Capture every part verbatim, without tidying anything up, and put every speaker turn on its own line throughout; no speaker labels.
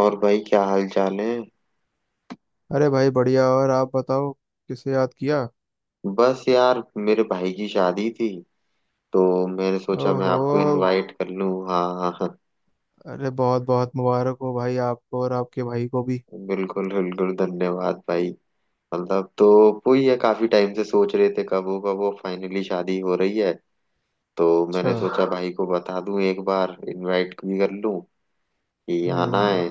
और भाई, क्या हाल चाल है?
अरे भाई बढ़िया। और आप बताओ किसे याद किया।
बस यार, मेरे भाई की शादी थी तो मैंने सोचा मैं आपको
ओहो।
इनवाइट कर लूं। हाँ हाँ हाँ,
अरे बहुत बहुत मुबारक हो भाई, आपको और आपके भाई को भी।
बिल्कुल बिल्कुल, धन्यवाद भाई। मतलब तो वही है, काफी टाइम से सोच रहे थे कब होगा, वो फाइनली शादी हो रही है। तो
अच्छा।
मैंने सोचा भाई को बता दूं, एक बार इनवाइट भी कर लूं कि आना
हम्म।
है।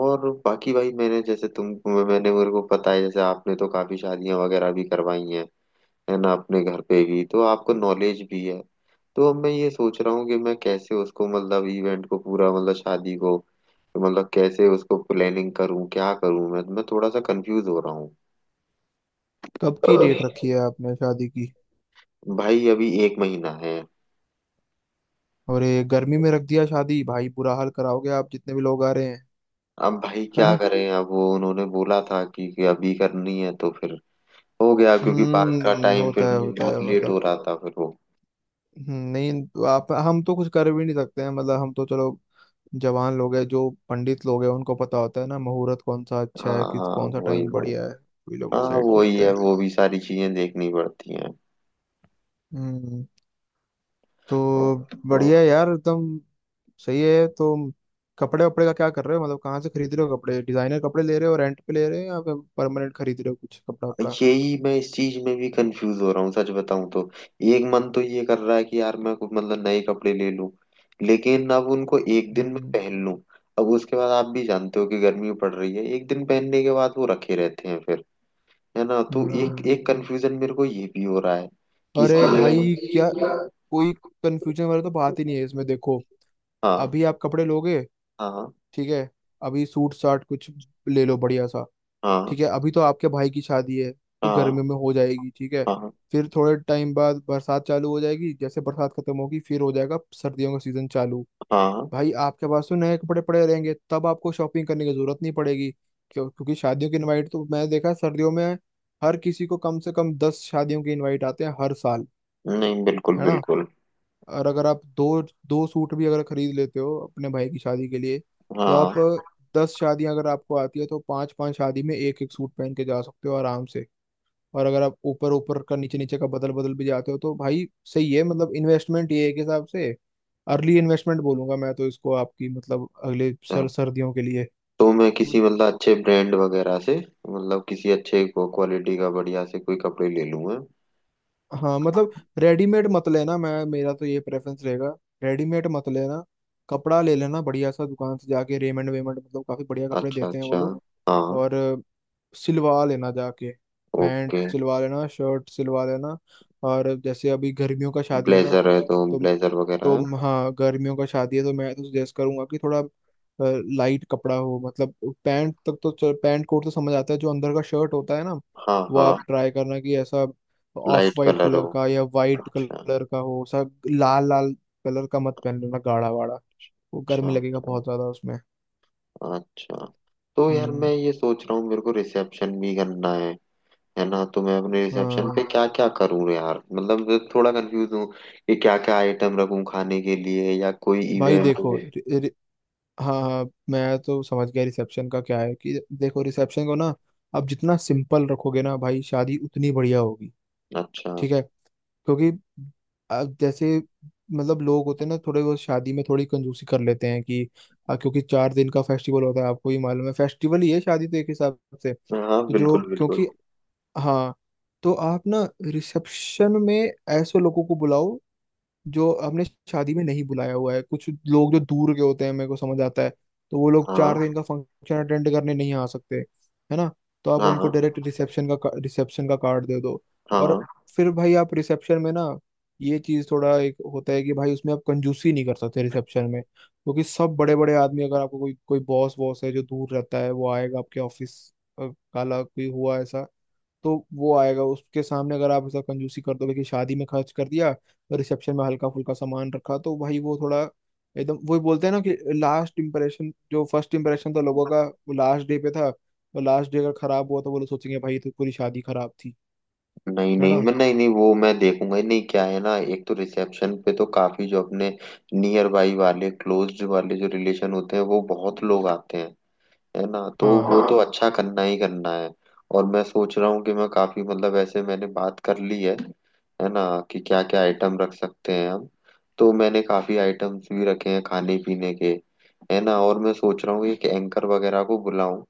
और बाकी भाई, मैंने जैसे तुम मैंने मेरे को पता है, जैसे आपने तो काफी शादियां वगैरह भी करवाई हैं, है ना, अपने घर पे भी, तो आपको नॉलेज भी है। तो अब मैं ये सोच रहा हूँ कि मैं कैसे उसको, मतलब इवेंट को पूरा, मतलब शादी को, मतलब कैसे उसको प्लानिंग करूँ, क्या करूँ, मैं मैं थोड़ा सा कंफ्यूज हो रहा हूँ।
कब की डेट रखी है आपने शादी की?
भाई, अभी एक महीना है।
और ये गर्मी में रख दिया शादी भाई, बुरा हाल कराओगे आप जितने भी लोग आ रहे हैं।
अब भाई क्या
हाँ।
करें, अब वो उन्होंने बोला था कि, कि अभी करनी है, तो फिर हो गया, क्योंकि बात का
हम्म
टाइम
होता
फिर
है होता है
बहुत लेट हो
मतलब।
रहा था, फिर वो।
हम्म, नहीं तो आप, हम तो कुछ कर भी नहीं सकते हैं मतलब, हम तो चलो। जवान लोग हैं जो पंडित लोग हैं, उनको पता होता है ना मुहूर्त कौन सा
हाँ,
अच्छा है, किस
हाँ
कौन सा
वही
टाइम
वही,
बढ़िया है, वही लोग
हाँ
डिसाइड
वही
करते
है,
हैं।
वो भी सारी चीजें देखनी पड़ती हैं।
हम्म तो बढ़िया
हाँ।
है यार एकदम। सही है, तो कपड़े वपड़े का क्या कर रहे हो? मतलब कहाँ से खरीद रहे हो कपड़े? डिजाइनर कपड़े ले रहे हो, रेंट पे ले रहे हो, या फिर परमानेंट खरीद रहे हो कुछ कपड़ा वपड़ा?
यही मैं इस चीज में भी कंफ्यूज हो रहा हूँ, सच बताऊं तो। एक मन तो ये कर रहा है कि यार मैं कुछ मतलब नए कपड़े ले लूं, लेकिन अब उनको एक दिन में
हम्म।
पहन लूं। अब उसके बाद आप भी जानते हो कि गर्मी पड़ रही है, एक दिन पहनने के बाद वो रखे रहते हैं फिर, है ना। तो एक
हम्म।
एक कंफ्यूजन मेरे को ये भी हो रहा है कि
अरे
इसकी जगह
भाई, क्या
मैं-
कोई कंफ्यूजन वाला तो बात ही नहीं है इसमें, देखो।
हाँ
अभी आप कपड़े लोगे,
हाँ
ठीक है। अभी सूट साट कुछ ले लो बढ़िया सा,
हाँ,
ठीक है। अभी तो आपके भाई की शादी है, तो
हाँ
गर्मियों में हो जाएगी, ठीक है।
हाँ
फिर थोड़े टाइम बाद बरसात चालू हो जाएगी, जैसे बरसात खत्म होगी फिर हो जाएगा सर्दियों का सीजन चालू।
हाँ,
भाई आपके पास तो नए कपड़े पड़े रहेंगे, तब आपको शॉपिंग करने की जरूरत नहीं पड़ेगी। क्यों? क्योंकि शादियों की इनवाइट तो मैंने देखा है, सर्दियों में हर किसी को कम से कम दस शादियों की इनवाइट आते हैं हर साल,
नहीं बिल्कुल
है ना।
बिल्कुल,
और अगर आप दो दो सूट भी अगर खरीद लेते हो अपने भाई की शादी के लिए, तो आप,
हाँ।
दस शादियां अगर आपको आती है तो पांच पांच शादी में एक एक सूट पहन के जा सकते हो आराम से। और अगर आप ऊपर ऊपर का नीचे नीचे का बदल बदल भी जाते हो तो भाई, सही है। मतलब इन्वेस्टमेंट ये एक हिसाब से अर्ली इन्वेस्टमेंट बोलूंगा मैं तो इसको आपकी, मतलब अगले
अच्छा।
सर सर्दियों के लिए।
तो मैं किसी मतलब अच्छे ब्रांड वगैरह से, मतलब किसी अच्छे क्वालिटी का बढ़िया से कोई कपड़े ले लूँ मैं।
हाँ मतलब, रेडीमेड मत लेना, मैं, मेरा तो ये प्रेफरेंस रहेगा, रेडीमेड मत लेना। कपड़ा ले लेना बढ़िया सा दुकान से जाके, रेमंड वेमंड, मतलब काफी बढ़िया कपड़े
अच्छा
देते हैं वो
अच्छा,
लोग।
हाँ,
और सिलवा लेना जाके, पैंट
ओके।
सिलवा लेना, शर्ट सिलवा लेना। और जैसे अभी गर्मियों का शादी है ना,
ब्लेजर है, तो
तो
ब्लेजर वगैरह है।
तो हाँ, गर्मियों का शादी है तो मैं तो सजेस्ट करूंगा कि थोड़ा लाइट कपड़ा हो। मतलब पैंट तक तो चल, पैंट कोट तो समझ आता है, जो अंदर का शर्ट होता है ना,
हाँ
वो
हाँ,
आप ट्राई करना कि ऐसा ऑफ
लाइट
वाइट
कलर हो।
कलर का या वाइट
अच्छा
कलर का हो। सब लाल लाल कलर का मत पहन लेना गाढ़ा वाढ़ा, वो
अच्छा
गर्मी लगेगा
अच्छा
बहुत ज्यादा उसमें।
अच्छा। तो यार मैं
हम्म
ये सोच रहा हूँ, मेरे को रिसेप्शन भी करना है है ना। तो मैं अपने रिसेप्शन पे
हाँ,
क्या क्या करूँ यार, मतलब थोड़ा कंफ्यूज हूँ कि क्या क्या आइटम रखूँ खाने के लिए, या कोई
भाई
इवेंट हो।
देखो। हाँ हाँ, मैं तो समझ गया रिसेप्शन का क्या है। कि देखो, रिसेप्शन को ना आप जितना सिंपल रखोगे ना भाई, शादी उतनी बढ़िया होगी,
अच्छा,
ठीक है। क्योंकि अब जैसे, मतलब लोग होते हैं ना थोड़े, वो शादी में थोड़ी कंजूसी कर लेते हैं कि, आ, क्योंकि चार दिन का फेस्टिवल होता है, आपको ही मालूम है, फेस्टिवल ही है शादी तो एक हिसाब से।
हाँ
तो जो
बिल्कुल बिल्कुल,
क्योंकि हाँ, तो आप ना रिसेप्शन में ऐसे लोगों को बुलाओ जो हमने शादी में नहीं बुलाया हुआ है, कुछ लोग जो दूर के होते हैं, मेरे को समझ आता है तो वो लोग
हाँ
चार दिन का फंक्शन अटेंड करने नहीं आ सकते, है ना। तो आप
हाँ
उनको
हाँ
डायरेक्ट रिसेप्शन का रिसेप्शन का कार्ड दे दो।
हाँ
और
हाँ।
फिर भाई आप रिसेप्शन में ना, ये चीज थोड़ा एक होता है कि भाई उसमें आप कंजूसी नहीं कर सकते रिसेप्शन में, क्योंकि सब बड़े बड़े आदमी, अगर आपको कोई कोई बॉस वॉस है जो दूर रहता है, वो आएगा, आपके ऑफिस काला कोई हुआ ऐसा, तो वो आएगा। उसके सामने अगर आप ऐसा कंजूसी कर दोगे कि शादी में खर्च कर दिया और रिसेप्शन में हल्का फुल्का सामान रखा तो भाई वो थोड़ा, एकदम वही बोलते हैं ना कि लास्ट इंप्रेशन, जो फर्स्ट इंप्रेशन था लोगों का, वो लास्ट डे पे था। वो लास्ट डे अगर खराब हुआ तो वो लोग सोचेंगे भाई तो पूरी शादी खराब थी।
नहीं
है
नहीं,
ना।
मैं, नहीं नहीं, वो मैं देखूंगा ही नहीं, क्या है ना, एक तो रिसेप्शन पे तो काफी जो अपने नियर बाई वाले, क्लोज्ड वाले जो रिलेशन होते हैं, वो बहुत लोग आते हैं, है ना। तो
हाँ।
वो तो अच्छा करना ही करना है। और मैं सोच रहा हूँ कि मैं काफी मतलब ऐसे मैंने बात कर ली है है ना, कि क्या क्या आइटम रख सकते हैं हम। तो मैंने काफी आइटम्स भी रखे हैं खाने पीने के, है ना। और मैं सोच रहा हूँ एक एंकर वगैरह को बुलाऊं।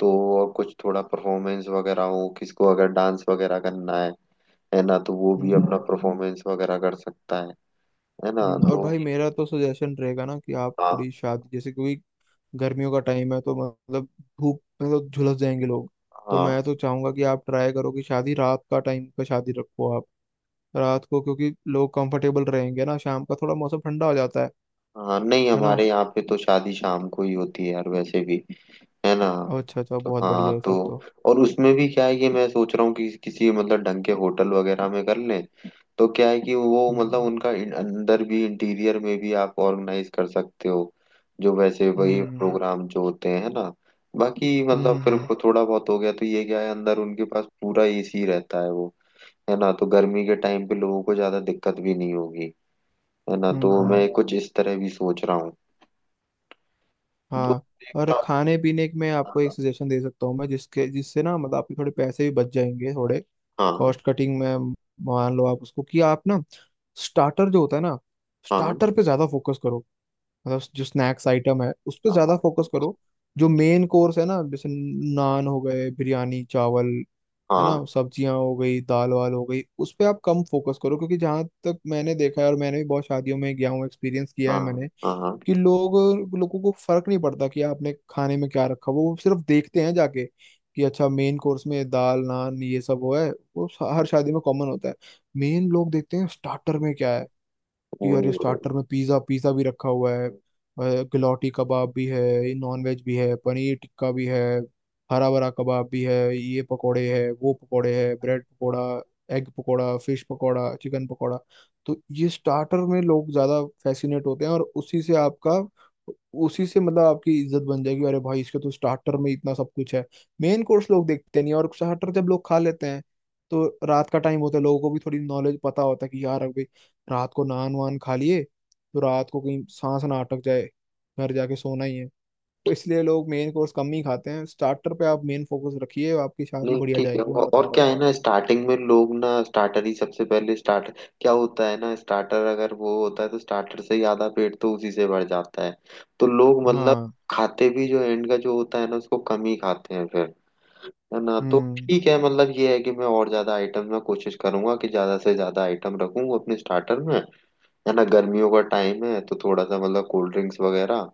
तो और कुछ थोड़ा परफॉर्मेंस वगैरह हो, किसको अगर डांस वगैरह करना है है ना, तो वो भी अपना
हम्म।
परफॉर्मेंस वगैरह कर सकता है है ना।
हम्म, और
तो
भाई मेरा तो सजेशन रहेगा ना कि आप
हाँ
थोड़ी शादी, जैसे क्योंकि गर्मियों का टाइम है, तो मतलब धूप में तो झुलस जाएंगे लोग। तो
हाँ
मैं तो चाहूंगा कि आप ट्राई करो कि शादी रात का टाइम पे, शादी रखो आप रात को, क्योंकि लोग कंफर्टेबल रहेंगे ना, शाम का थोड़ा मौसम ठंडा हो जाता है
हाँ, नहीं
है ना।
हमारे यहाँ पे तो शादी शाम को ही होती है यार, वैसे भी, है ना।
अच्छा अच्छा,
तो
बहुत
हाँ,
बढ़िया है
तो
फिर तो।
और उसमें भी क्या है, ये मैं सोच रहा हूँ कि किसी मतलब ढंग के होटल वगैरह में कर लें। तो क्या है कि वो मतलब
हम्म।
उनका इन- अंदर भी, इंटीरियर में भी आप ऑर्गेनाइज कर सकते हो, जो वैसे वही
हम्म।
प्रोग्राम जो होते हैं ना। बाकी
हम्म।
मतलब फिर
हम्म।
को थोड़ा बहुत हो गया तो ये क्या है, अंदर उनके पास पूरा एसी रहता है वो, है ना। तो गर्मी के टाइम पे लोगों को ज्यादा दिक्कत भी नहीं होगी, है ना।
हम्म।
तो
हम्म।
मैं कुछ इस तरह भी सोच रहा हूँ। दो
हाँ, और
देखता
खाने पीने में आपको एक
हूँ।
सजेशन दे सकता हूँ मैं, जिसके जिससे ना, मतलब आपके थोड़े पैसे भी बच जाएंगे, थोड़े
हाँ
कॉस्ट कटिंग में। मान लो आप उसको कि आप ना स्टार्टर, जो होता है ना
हाँ
स्टार्टर पे ज्यादा फोकस करो, मतलब जो स्नैक्स आइटम है उस पे ज्यादा
हाँ,
फोकस करो। जो मेन कोर्स है ना, जैसे नान हो गए, बिरयानी, चावल, है ना,
हाँ
सब्जियां हो गई, दाल वाल हो गई, उस पे आप कम फोकस करो। क्योंकि जहां तक मैंने देखा है, और मैंने भी बहुत शादियों में गया हूँ, एक्सपीरियंस किया
हाँ
है मैंने
हाँ, हाँ
कि लोग, लोगों को फर्क नहीं पड़ता कि आपने खाने में क्या रखा। वो सिर्फ देखते हैं जाके कि, अच्छा मेन कोर्स में दाल नान ये सब वो है, वो हर शादी में कॉमन होता है। मेन लोग देखते हैं स्टार्टर में क्या है। यार,
वही।
स्टार्टर में पिज्ज़ा पिज़्ज़ा भी रखा हुआ है, गलौटी कबाब भी है, नॉन वेज भी है, पनीर टिक्का भी है, हरा भरा कबाब भी है, ये पकोड़े है वो पकोड़े है, bread pakora, egg pakora, fish pakora, chicken pakora. तो ये स्टार्टर में लोग ज़्यादा फैसिनेट होते हैं, और उसी से आपका, उसी से मतलब आपकी इज्जत बन जाएगी, अरे भाई इसके तो स्टार्टर में इतना सब कुछ है। मेन कोर्स लोग देखते नहीं। और स्टार्टर जब लोग खा लेते हैं, तो रात का टाइम होता है, लोगों को भी थोड़ी नॉलेज पता होता है कि यार अभी रात को नान वान खा लिए तो रात को कहीं सांस ना अटक जाए, घर जाके सोना ही है। तो इसलिए लोग मेन कोर्स कम ही खाते हैं, स्टार्टर पे आप मेन फोकस रखिए, आपकी शादी
नहीं
बढ़िया
ठीक है,
जाएगी, मैं
वो-
बता
और
रहा
क्या
हूँ।
है ना, स्टार्टिंग में लोग ना स्टार्टर ही सबसे पहले स्टार्ट, क्या होता है ना, स्टार्टर अगर वो होता है तो स्टार्टर से ही आधा पेट तो उसी से भर जाता है। तो लोग मतलब
हाँ।
खाते भी जो एंड का जो होता है ना उसको कम ही खाते हैं फिर, है ना। तो
हम्म।
ठीक है, मतलब ये है कि मैं और ज्यादा आइटम में कोशिश करूंगा कि ज्यादा से ज्यादा आइटम रखूं अपने स्टार्टर में, है ना। गर्मियों का टाइम है तो थोड़ा सा मतलब कोल्ड ड्रिंक्स वगैरह,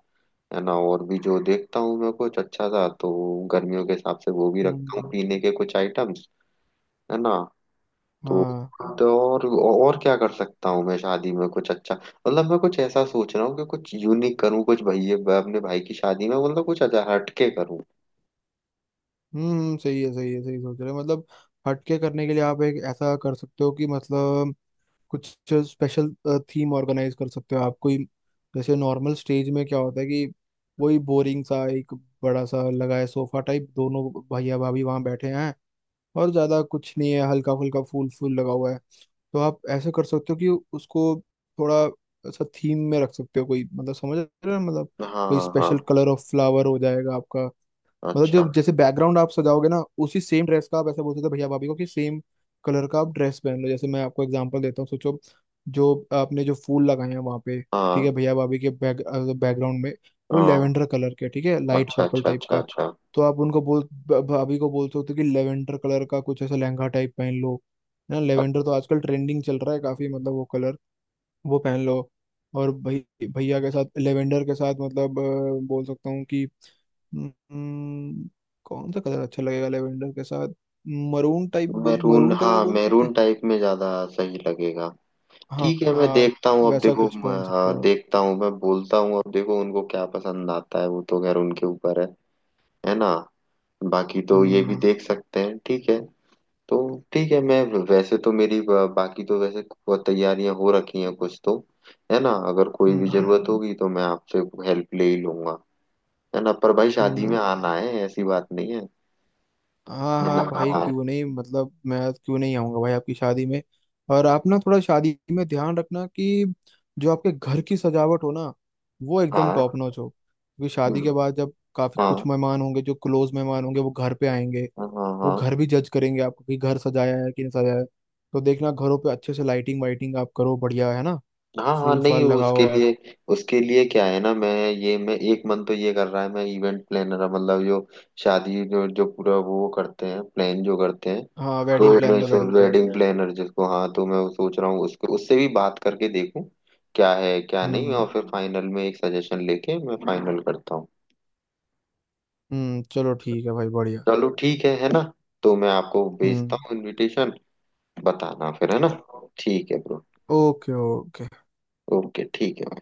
है ना। और भी जो देखता हूँ मैं कुछ अच्छा सा तो गर्मियों के हिसाब से वो भी रखता हूँ
हम्म।
पीने के कुछ आइटम, है ना। तो
हाँ।
तो और और क्या कर सकता हूँ मैं शादी में कुछ अच्छा, मतलब मैं कुछ ऐसा सोच रहा हूँ कि कुछ यूनिक करूँ, कुछ भैया अपने भाई की शादी में मतलब कुछ अच्छा हटके करूँ।
हम्म सही है सही है, सही सोच रहे हो। मतलब हटके करने के लिए आप एक ऐसा कर सकते हो कि मतलब, कुछ स्पेशल थीम ऑर्गेनाइज कर सकते हो आप कोई। जैसे नॉर्मल स्टेज में क्या होता है कि वही बोरिंग सा एक बड़ा सा लगा है सोफा टाइप, दोनों भैया भाभी वहां बैठे हैं, और ज़्यादा कुछ नहीं है, हल्का फुल्का फूल फूल लगा हुआ है। तो आप ऐसे कर सकते हो कि उसको थोड़ा ऐसा थीम में रख सकते हो कोई, मतलब समझ रहे हो मतलब, कोई
हाँ
स्पेशल
हाँ,
कलर ऑफ फ्लावर हो जाएगा आपका। मतलब
अच्छा,
जो जैसे बैकग्राउंड आप सजाओगे ना, उसी सेम ड्रेस का आप ऐसा बोलते थे भैया भाभी को कि सेम कलर का आप ड्रेस पहन लो। जैसे मैं आपको एग्जांपल देता हूँ, सोचो जो आपने जो फूल लगाए हैं वहाँ पे, ठीक
हाँ
है, भैया भाभी के बैक बैकग्राउंड में वो
हाँ,
लेवेंडर कलर के, ठीक है, लाइट
अच्छा
पर्पल
अच्छा
टाइप
अच्छा
का।
अच्छा।
तो आप उनको बोल भ- भाभी को बोलते हो कि लेवेंडर कलर का कुछ ऐसा लहंगा टाइप पहन लो ना। लेवेंडर तो आजकल ट्रेंडिंग चल रहा है काफी, मतलब वो कलर वो पहन लो। और भई भैया के साथ, लेवेंडर के साथ मतलब अ, बोल सकता हूँ कि हम्म, कौन सा कलर अच्छा लगेगा लेवेंडर के साथ? मरून टाइप, बोल
मैरून,
मरून कलर
हाँ,
बोल सकते
मैरून
हैं।
टाइप में ज्यादा सही लगेगा।
हाँ
ठीक है, मैं
हाँ,
देखता हूँ, अब
वैसा
देखो
कुछ
मैं,
पहन सकते
हाँ,
हो आप।
देखता हूँ, मैं बोलता हूँ, अब देखो उनको क्या पसंद आता है, वो तो खैर उनके ऊपर है है ना। बाकी तो ये भी
हम्म।
देख सकते हैं, ठीक है। तो ठीक है, मैं वैसे तो मेरी ब- बाकी तो वैसे को- तैयारियां हो रखी हैं कुछ तो, है ना। अगर कोई भी
हम्म।
जरूरत होगी तो मैं आपसे हेल्प ले ही लूंगा, है ना। पर भाई शादी में
हम्म।
आना है, ऐसी बात नहीं है,
हाँ
है ना।
हाँ भाई,
हाँ
क्यों नहीं, मतलब मैं क्यों नहीं आऊंगा भाई आपकी शादी में। और आप ना थोड़ा शादी में ध्यान रखना कि जो आपके घर की सजावट हो ना, वो एकदम
हाँ
टॉप नॉच हो, क्योंकि शादी के बाद जब काफी कुछ
हाँ,
मेहमान होंगे जो क्लोज मेहमान होंगे वो घर पे आएंगे,
हाँ हाँ
वो
हाँ
घर भी जज करेंगे आपको कि घर सजाया है कि नहीं सजाया है। तो देखना घरों पे अच्छे से लाइटिंग वाइटिंग आप करो बढ़िया, है ना,
हाँ हाँ,
फूल
नहीं
फाल लगाओ
उसके
आप।
लिए, उसके लिए क्या है ना, मैं ये मैं एक मन तो ये कर रहा है, मैं इवेंट प्लानर, मतलब जो शादी जो जो पूरा वो करते हैं, प्लान जो करते हैं,
हाँ,
तो
वेडिंग
मैं
प्लानर,
सोच
वेडिंग
वेडिंग
प्लानर।
प्लानर जिसको, हाँ, तो मैं वो सोच रहा हूँ उसको, उससे भी बात करके देखूँ क्या है क्या नहीं, और
हम्म।
फिर फाइनल में एक सजेशन लेके मैं फाइनल करता हूँ।
हम्म। चलो ठीक है भाई, बढ़िया।
चलो ठीक है है ना। तो मैं आपको
हम्म।
भेजता हूँ इनविटेशन, बताना फिर, है ना।
ओ-
ठीक है ब्रो,
ओके, ओके।
ओके ठीक है।